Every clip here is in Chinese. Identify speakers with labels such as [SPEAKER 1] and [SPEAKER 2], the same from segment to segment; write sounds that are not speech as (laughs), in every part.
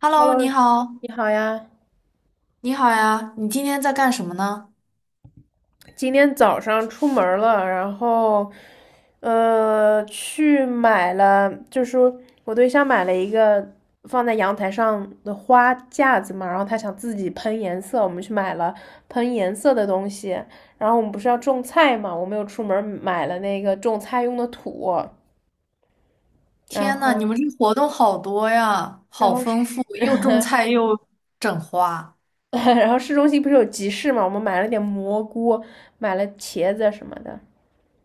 [SPEAKER 1] Hello，你
[SPEAKER 2] Hello，
[SPEAKER 1] 好，
[SPEAKER 2] 你好呀。
[SPEAKER 1] 你好呀，你今天在干什么呢？
[SPEAKER 2] 今天早上出门儿了，然后，去买了，就是我对象买了一个放在阳台上的花架子嘛，然后他想自己喷颜色，我们去买了喷颜色的东西。然后我们不是要种菜嘛，我们又出门儿买了那个种菜用的土，然
[SPEAKER 1] 天呐，你
[SPEAKER 2] 后，
[SPEAKER 1] 们这活动好多呀，
[SPEAKER 2] 然
[SPEAKER 1] 好
[SPEAKER 2] 后市，
[SPEAKER 1] 丰富，又种菜又整花
[SPEAKER 2] (laughs) 然后市中心不是有集市嘛，我们买了点蘑菇，买了茄子什么的。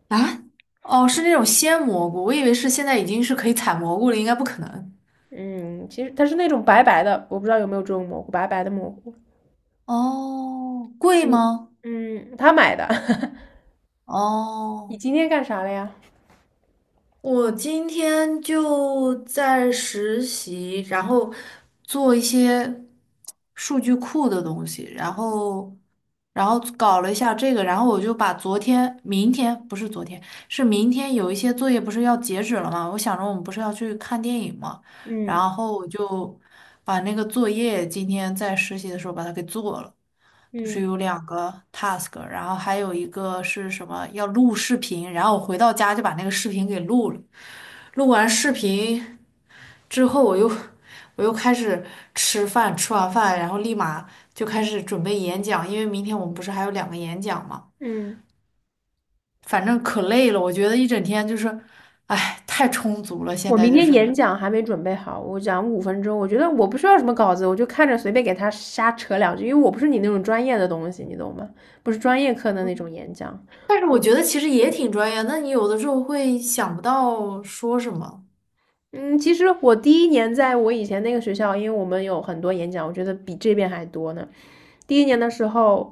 [SPEAKER 1] 啊！哦，是那种鲜蘑菇，我以为是现在已经是可以采蘑菇了，应该不可能。
[SPEAKER 2] 嗯，其实它是那种白白的，我不知道有没有这种蘑菇，白白的蘑菇。
[SPEAKER 1] 哦，贵
[SPEAKER 2] 嗯
[SPEAKER 1] 吗？
[SPEAKER 2] 嗯，他买的。(laughs) 你
[SPEAKER 1] 哦。
[SPEAKER 2] 今天干啥了呀？
[SPEAKER 1] 我今天就在实习，然后做一些数据库的东西，然后搞了一下这个，然后我就把昨天、明天不是昨天，是明天有一些作业不是要截止了吗？我想着我们不是要去看电影吗？
[SPEAKER 2] 嗯
[SPEAKER 1] 然后我就把那个作业今天在实习的时候把它给做了。就是
[SPEAKER 2] 嗯
[SPEAKER 1] 有两个 task，然后还有一个是什么要录视频，然后我回到家就把那个视频给录了。录完视频之后，我又开始吃饭，吃完饭，然后立马就开始准备演讲，因为明天我们不是还有两个演讲嘛。
[SPEAKER 2] 嗯，
[SPEAKER 1] 反正可累了，我觉得一整天就是，哎，太充足了。现
[SPEAKER 2] 我
[SPEAKER 1] 在
[SPEAKER 2] 明
[SPEAKER 1] 就
[SPEAKER 2] 天
[SPEAKER 1] 是，
[SPEAKER 2] 演讲还没准备好，我讲5分钟，我觉得我不需要什么稿子，我就看着随便给他瞎扯两句，因为我不是你那种专业的东西，你懂吗？不是专业课的那种演讲。
[SPEAKER 1] 但是我觉得其实也挺专业。那你有的时候会想不到说什么，
[SPEAKER 2] 嗯，其实我第一年在我以前那个学校，因为我们有很多演讲，我觉得比这边还多呢。第一年的时候，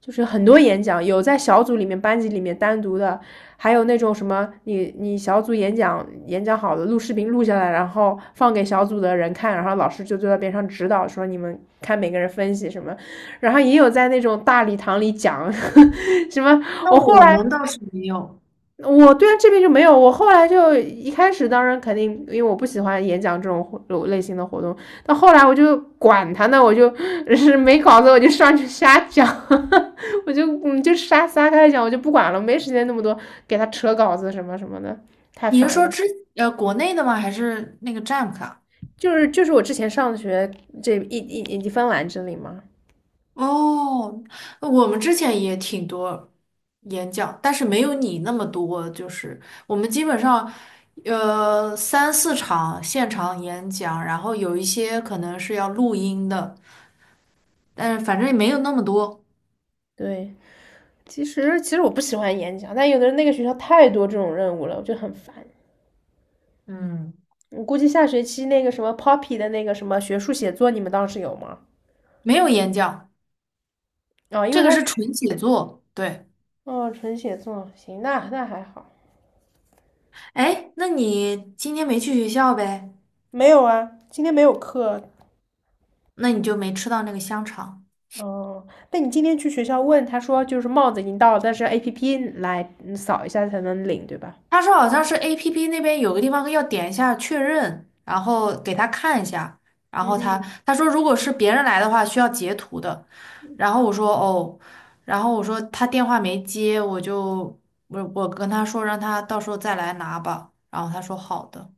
[SPEAKER 2] 就是很多演讲，有在小组里面、班级里面单独的，还有那种什么你小组演讲好了，录视频录下来，然后放给小组的人看，然后老师就坐在边上指导，说你们看每个人分析什么，然后也有在那种大礼堂里讲呵呵 (laughs) 什么。
[SPEAKER 1] 那
[SPEAKER 2] 我后
[SPEAKER 1] 我
[SPEAKER 2] 来
[SPEAKER 1] 们倒是没有。
[SPEAKER 2] 我对啊，这边就没有。我后来就一开始，当然肯定，因为我不喜欢演讲这种活类型的活动。到后来我就管他呢，我就 (laughs) 是没稿子我就上去瞎讲，(laughs) 我就瞎撒开讲，我就不管了，没时间那么多给他扯稿子什么什么的，太
[SPEAKER 1] 你是
[SPEAKER 2] 烦
[SPEAKER 1] 说
[SPEAKER 2] 了。
[SPEAKER 1] 国内的吗？还是那个 Jamk 啊？
[SPEAKER 2] 就是我之前上学这一一一芬兰这里嘛，
[SPEAKER 1] 哦，我们之前也挺多演讲，但是没有你那么多。就是我们基本上，三四场现场演讲，然后有一些可能是要录音的，但是反正也没有那么多，
[SPEAKER 2] 对，其实我不喜欢演讲，但有的人那个学校太多这种任务了，我就很烦。
[SPEAKER 1] 嗯，
[SPEAKER 2] 我估计下学期那个什么 Poppy 的那个什么学术写作，你们当时有吗？
[SPEAKER 1] 没有演讲，
[SPEAKER 2] 啊、因
[SPEAKER 1] 这
[SPEAKER 2] 为
[SPEAKER 1] 个
[SPEAKER 2] 他是
[SPEAKER 1] 是纯写作。对，
[SPEAKER 2] 哦，纯写作，行，那还好。
[SPEAKER 1] 哎，那你今天没去学校呗？
[SPEAKER 2] 没有啊，今天没有课。
[SPEAKER 1] 那你就没吃到那个香肠。
[SPEAKER 2] 哦，那你今天去学校问，他说就是帽子已经到了，但是 APP 来扫一下才能领，对吧？
[SPEAKER 1] 他说好像是 APP 那边有个地方要点一下确认，然后给他看一下，然后他
[SPEAKER 2] 嗯，
[SPEAKER 1] 说如果是别人来的话需要截图的，然后我说哦，然后我说他电话没接，我就我跟他说让他到时候再来拿吧，然后他说好的，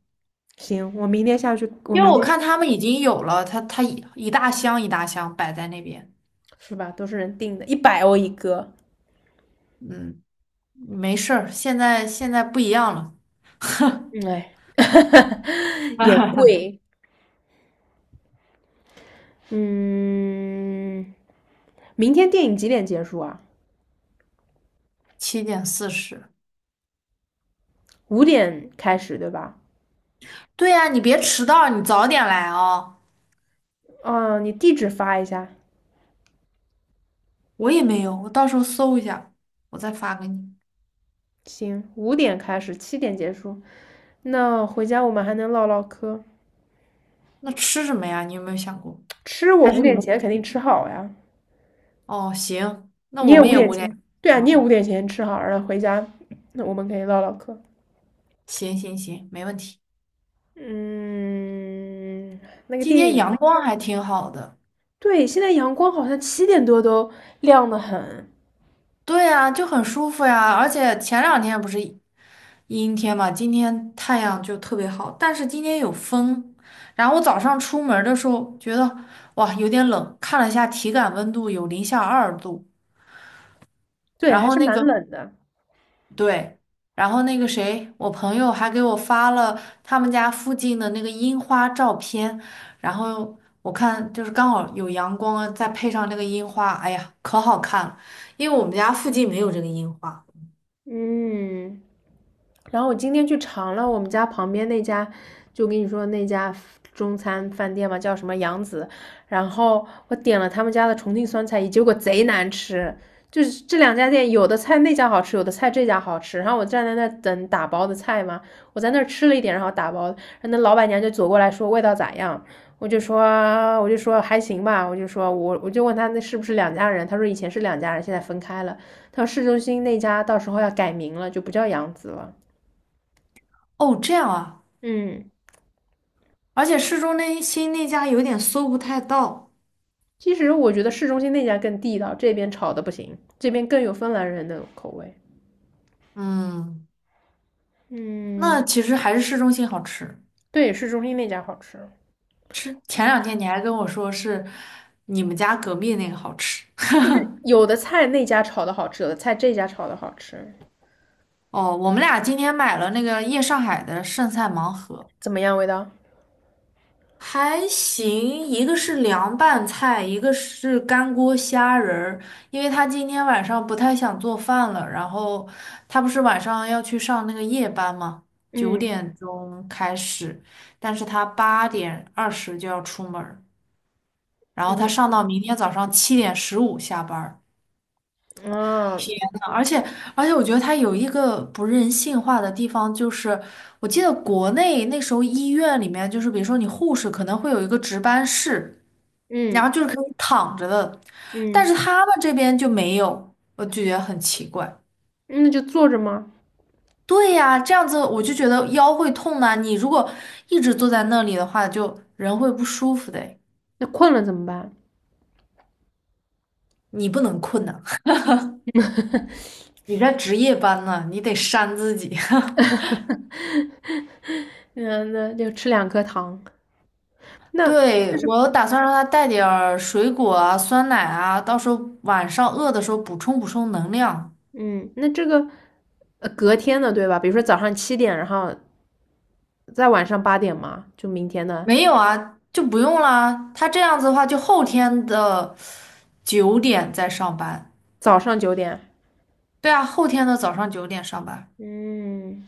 [SPEAKER 2] 行，我明天下去，我
[SPEAKER 1] 因为
[SPEAKER 2] 明
[SPEAKER 1] 我
[SPEAKER 2] 天去，
[SPEAKER 1] 看他们已经有了，他一大箱一大箱摆在那边，
[SPEAKER 2] 是吧？都是人定的，100欧一个，
[SPEAKER 1] 嗯，没事儿，现在不一样了，
[SPEAKER 2] 嗯哎，(laughs) 也贵。
[SPEAKER 1] (laughs)
[SPEAKER 2] 嗯，明天电影几点结束啊？
[SPEAKER 1] 7:40。
[SPEAKER 2] 五点开始，对吧？
[SPEAKER 1] 对呀，你别迟到，你早点来哦。
[SPEAKER 2] 哦，你地址发一下，
[SPEAKER 1] 我也没有，我到时候搜一下，我再发给你。
[SPEAKER 2] 行，五点开始，七点结束。那回家我们还能唠唠嗑。
[SPEAKER 1] 那吃什么呀？你有没有想过？
[SPEAKER 2] 吃我
[SPEAKER 1] 还是
[SPEAKER 2] 五
[SPEAKER 1] 你
[SPEAKER 2] 点
[SPEAKER 1] 们？
[SPEAKER 2] 前肯定吃好呀，
[SPEAKER 1] 哦，行，那
[SPEAKER 2] 你
[SPEAKER 1] 我
[SPEAKER 2] 也
[SPEAKER 1] 们
[SPEAKER 2] 五
[SPEAKER 1] 也
[SPEAKER 2] 点
[SPEAKER 1] 无聊。
[SPEAKER 2] 前，对啊，你也
[SPEAKER 1] 好，
[SPEAKER 2] 五点前吃好，然后回家，那我们可以唠唠嗑。
[SPEAKER 1] 行行行，没问题。
[SPEAKER 2] 嗯，那个
[SPEAKER 1] 今
[SPEAKER 2] 电
[SPEAKER 1] 天
[SPEAKER 2] 影，
[SPEAKER 1] 阳光还挺好的。
[SPEAKER 2] 对，现在阳光好像7点多都亮得很，
[SPEAKER 1] 对呀，就很舒服呀。而且前两天不是阴天嘛，今天太阳就特别好，但是今天有风。然后我早上出门的时候觉得哇有点冷，看了一下体感温度有零下二度，
[SPEAKER 2] 对，
[SPEAKER 1] 然
[SPEAKER 2] 还
[SPEAKER 1] 后
[SPEAKER 2] 是
[SPEAKER 1] 那
[SPEAKER 2] 蛮
[SPEAKER 1] 个。
[SPEAKER 2] 冷的。
[SPEAKER 1] 对，然后那个谁，我朋友还给我发了他们家附近的那个樱花照片，然后我看就是刚好有阳光啊再配上那个樱花，哎呀，可好看了。因为我们家附近没有这个樱花。
[SPEAKER 2] 嗯。然后我今天去尝了我们家旁边那家，就跟你说那家中餐饭店嘛，叫什么杨子。然后我点了他们家的重庆酸菜鱼，结果贼难吃。就是这两家店，有的菜那家好吃，有的菜这家好吃。然后我站在那等打包的菜嘛，我在那儿吃了一点，然后打包，然后那老板娘就走过来说味道咋样？我就说我就说还行吧，我就说我就问他那是不是两家人？他说以前是两家人，现在分开了。他说市中心那家到时候要改名了，就不叫杨子了。
[SPEAKER 1] 哦，这样啊，
[SPEAKER 2] 嗯，
[SPEAKER 1] 而且市中那心那家有点搜不太到。
[SPEAKER 2] 其实我觉得市中心那家更地道，这边炒的不行，这边更有芬兰人的口味。
[SPEAKER 1] 嗯，那
[SPEAKER 2] 嗯，
[SPEAKER 1] 其实还是市中心好吃。
[SPEAKER 2] 对，市中心那家好吃，
[SPEAKER 1] 吃前
[SPEAKER 2] 这
[SPEAKER 1] 两天你还跟我说是你们家隔壁那个好吃。
[SPEAKER 2] 就是有的菜那家炒的好吃，有的菜这家炒的好吃。
[SPEAKER 1] 哦，我们俩今天买了那个夜上海的剩菜盲盒。
[SPEAKER 2] 怎么样，味道？
[SPEAKER 1] 还行，一个是凉拌菜，一个是干锅虾仁儿。因为他今天晚上不太想做饭了，然后他不是晚上要去上那个夜班吗？九
[SPEAKER 2] 嗯，
[SPEAKER 1] 点钟开始，但是他8:20就要出门儿，然后他上到明天早上7:15下班儿。
[SPEAKER 2] 啊，
[SPEAKER 1] 嗯而且而且，我觉得他有一个不人性化的地方，就是我记得国内那时候医院里面，就是比如说你护士可能会有一个值班室。然
[SPEAKER 2] 嗯
[SPEAKER 1] 后就是可以躺着的，但
[SPEAKER 2] 嗯，
[SPEAKER 1] 是他们这边就没有，我就觉得很奇怪。
[SPEAKER 2] 那就坐着吗？
[SPEAKER 1] 对呀，这样子我就觉得腰会痛呐、你如果一直坐在那里的话，就人会不舒服的诶
[SPEAKER 2] 那困了怎么办？
[SPEAKER 1] 你不能困呐、(laughs) 你在值夜班呢、你得扇自己。(laughs)
[SPEAKER 2] (laughs) 那就吃两颗糖。那就
[SPEAKER 1] 对，
[SPEAKER 2] 是，
[SPEAKER 1] 我打算让他带点儿水果啊、酸奶啊，到时候晚上饿的时候补充补充能量。
[SPEAKER 2] 嗯，那这个隔天的对吧？比如说早上7点，然后在晚上8点嘛，就明天的
[SPEAKER 1] 没有啊，就不用啦。他这样子的话，就后天的九点再上班。
[SPEAKER 2] 早上9点。
[SPEAKER 1] 对啊，后天的早上九点上班，
[SPEAKER 2] 嗯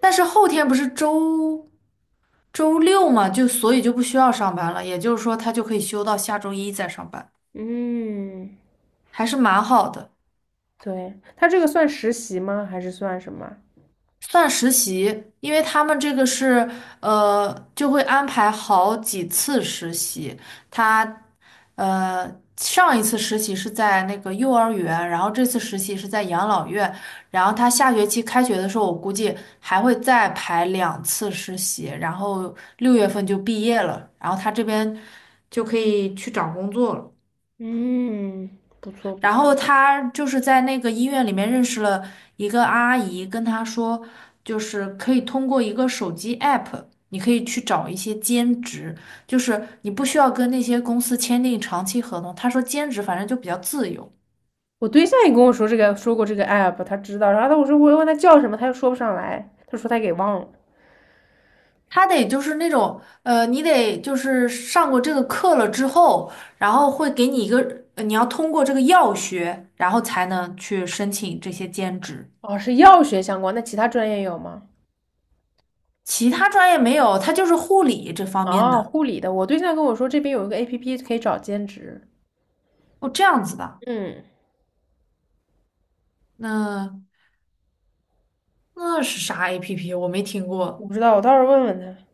[SPEAKER 1] 但是后天不是周六嘛，就所以就不需要上班了，也就是说他就可以休到下周一再上班，
[SPEAKER 2] 嗯
[SPEAKER 1] 还是蛮好的。
[SPEAKER 2] 对，他这个算实习吗？还是算什么？
[SPEAKER 1] 算实习，因为他们这个是就会安排好几次实习。他呃，上一次实习是在那个幼儿园，然后这次实习是在养老院，然后他下学期开学的时候，我估计还会再排两次实习，然后6月份就毕业了，然后他这边就可以去找工作了。
[SPEAKER 2] 嗯，不错不
[SPEAKER 1] 然后
[SPEAKER 2] 错。
[SPEAKER 1] 他就是在那个医院里面认识了一个阿姨，跟他说，就是可以通过一个手机 app,你可以去找一些兼职，就是你不需要跟那些公司签订长期合同。他说兼职反正就比较自由，
[SPEAKER 2] 我对象也跟我说这个，说过这个 app，他知道。然后他我说我问他叫什么，他又说不上来，他说他给忘了。
[SPEAKER 1] 他得就是那种你得就是上过这个课了之后，然后会给你一个，你要通过这个药学，然后才能去申请这些兼职。
[SPEAKER 2] 哦，是药学相关，那其他专业有吗？
[SPEAKER 1] 其他专业没有，他就是护理这方面
[SPEAKER 2] 哦，
[SPEAKER 1] 的，
[SPEAKER 2] 护理的。我对象跟我说这边有一个 app 可以找兼职，
[SPEAKER 1] 哦，这样子的。
[SPEAKER 2] 嗯，
[SPEAKER 1] 那是啥 APP?我没听
[SPEAKER 2] 我
[SPEAKER 1] 过。
[SPEAKER 2] 不知道，我到时候问问他。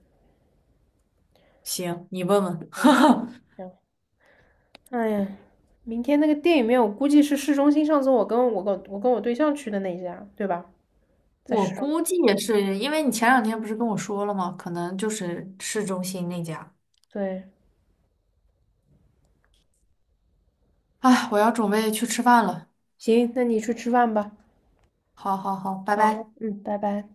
[SPEAKER 1] 行，你问问。(laughs) 哈
[SPEAKER 2] 行
[SPEAKER 1] 哈，
[SPEAKER 2] 行，哎呀，明天那个电影院，我估计是市中心。上次我跟我对象去的那一家，对吧？在
[SPEAKER 1] 我
[SPEAKER 2] 市中。
[SPEAKER 1] 估计也是，因为你前两天不是跟我说了吗？可能就是市中心那家。
[SPEAKER 2] 对，
[SPEAKER 1] 哎，我要准备去吃饭了。
[SPEAKER 2] 行，那你去吃饭吧。
[SPEAKER 1] 好好好，拜
[SPEAKER 2] 好，
[SPEAKER 1] 拜。
[SPEAKER 2] 嗯，拜拜。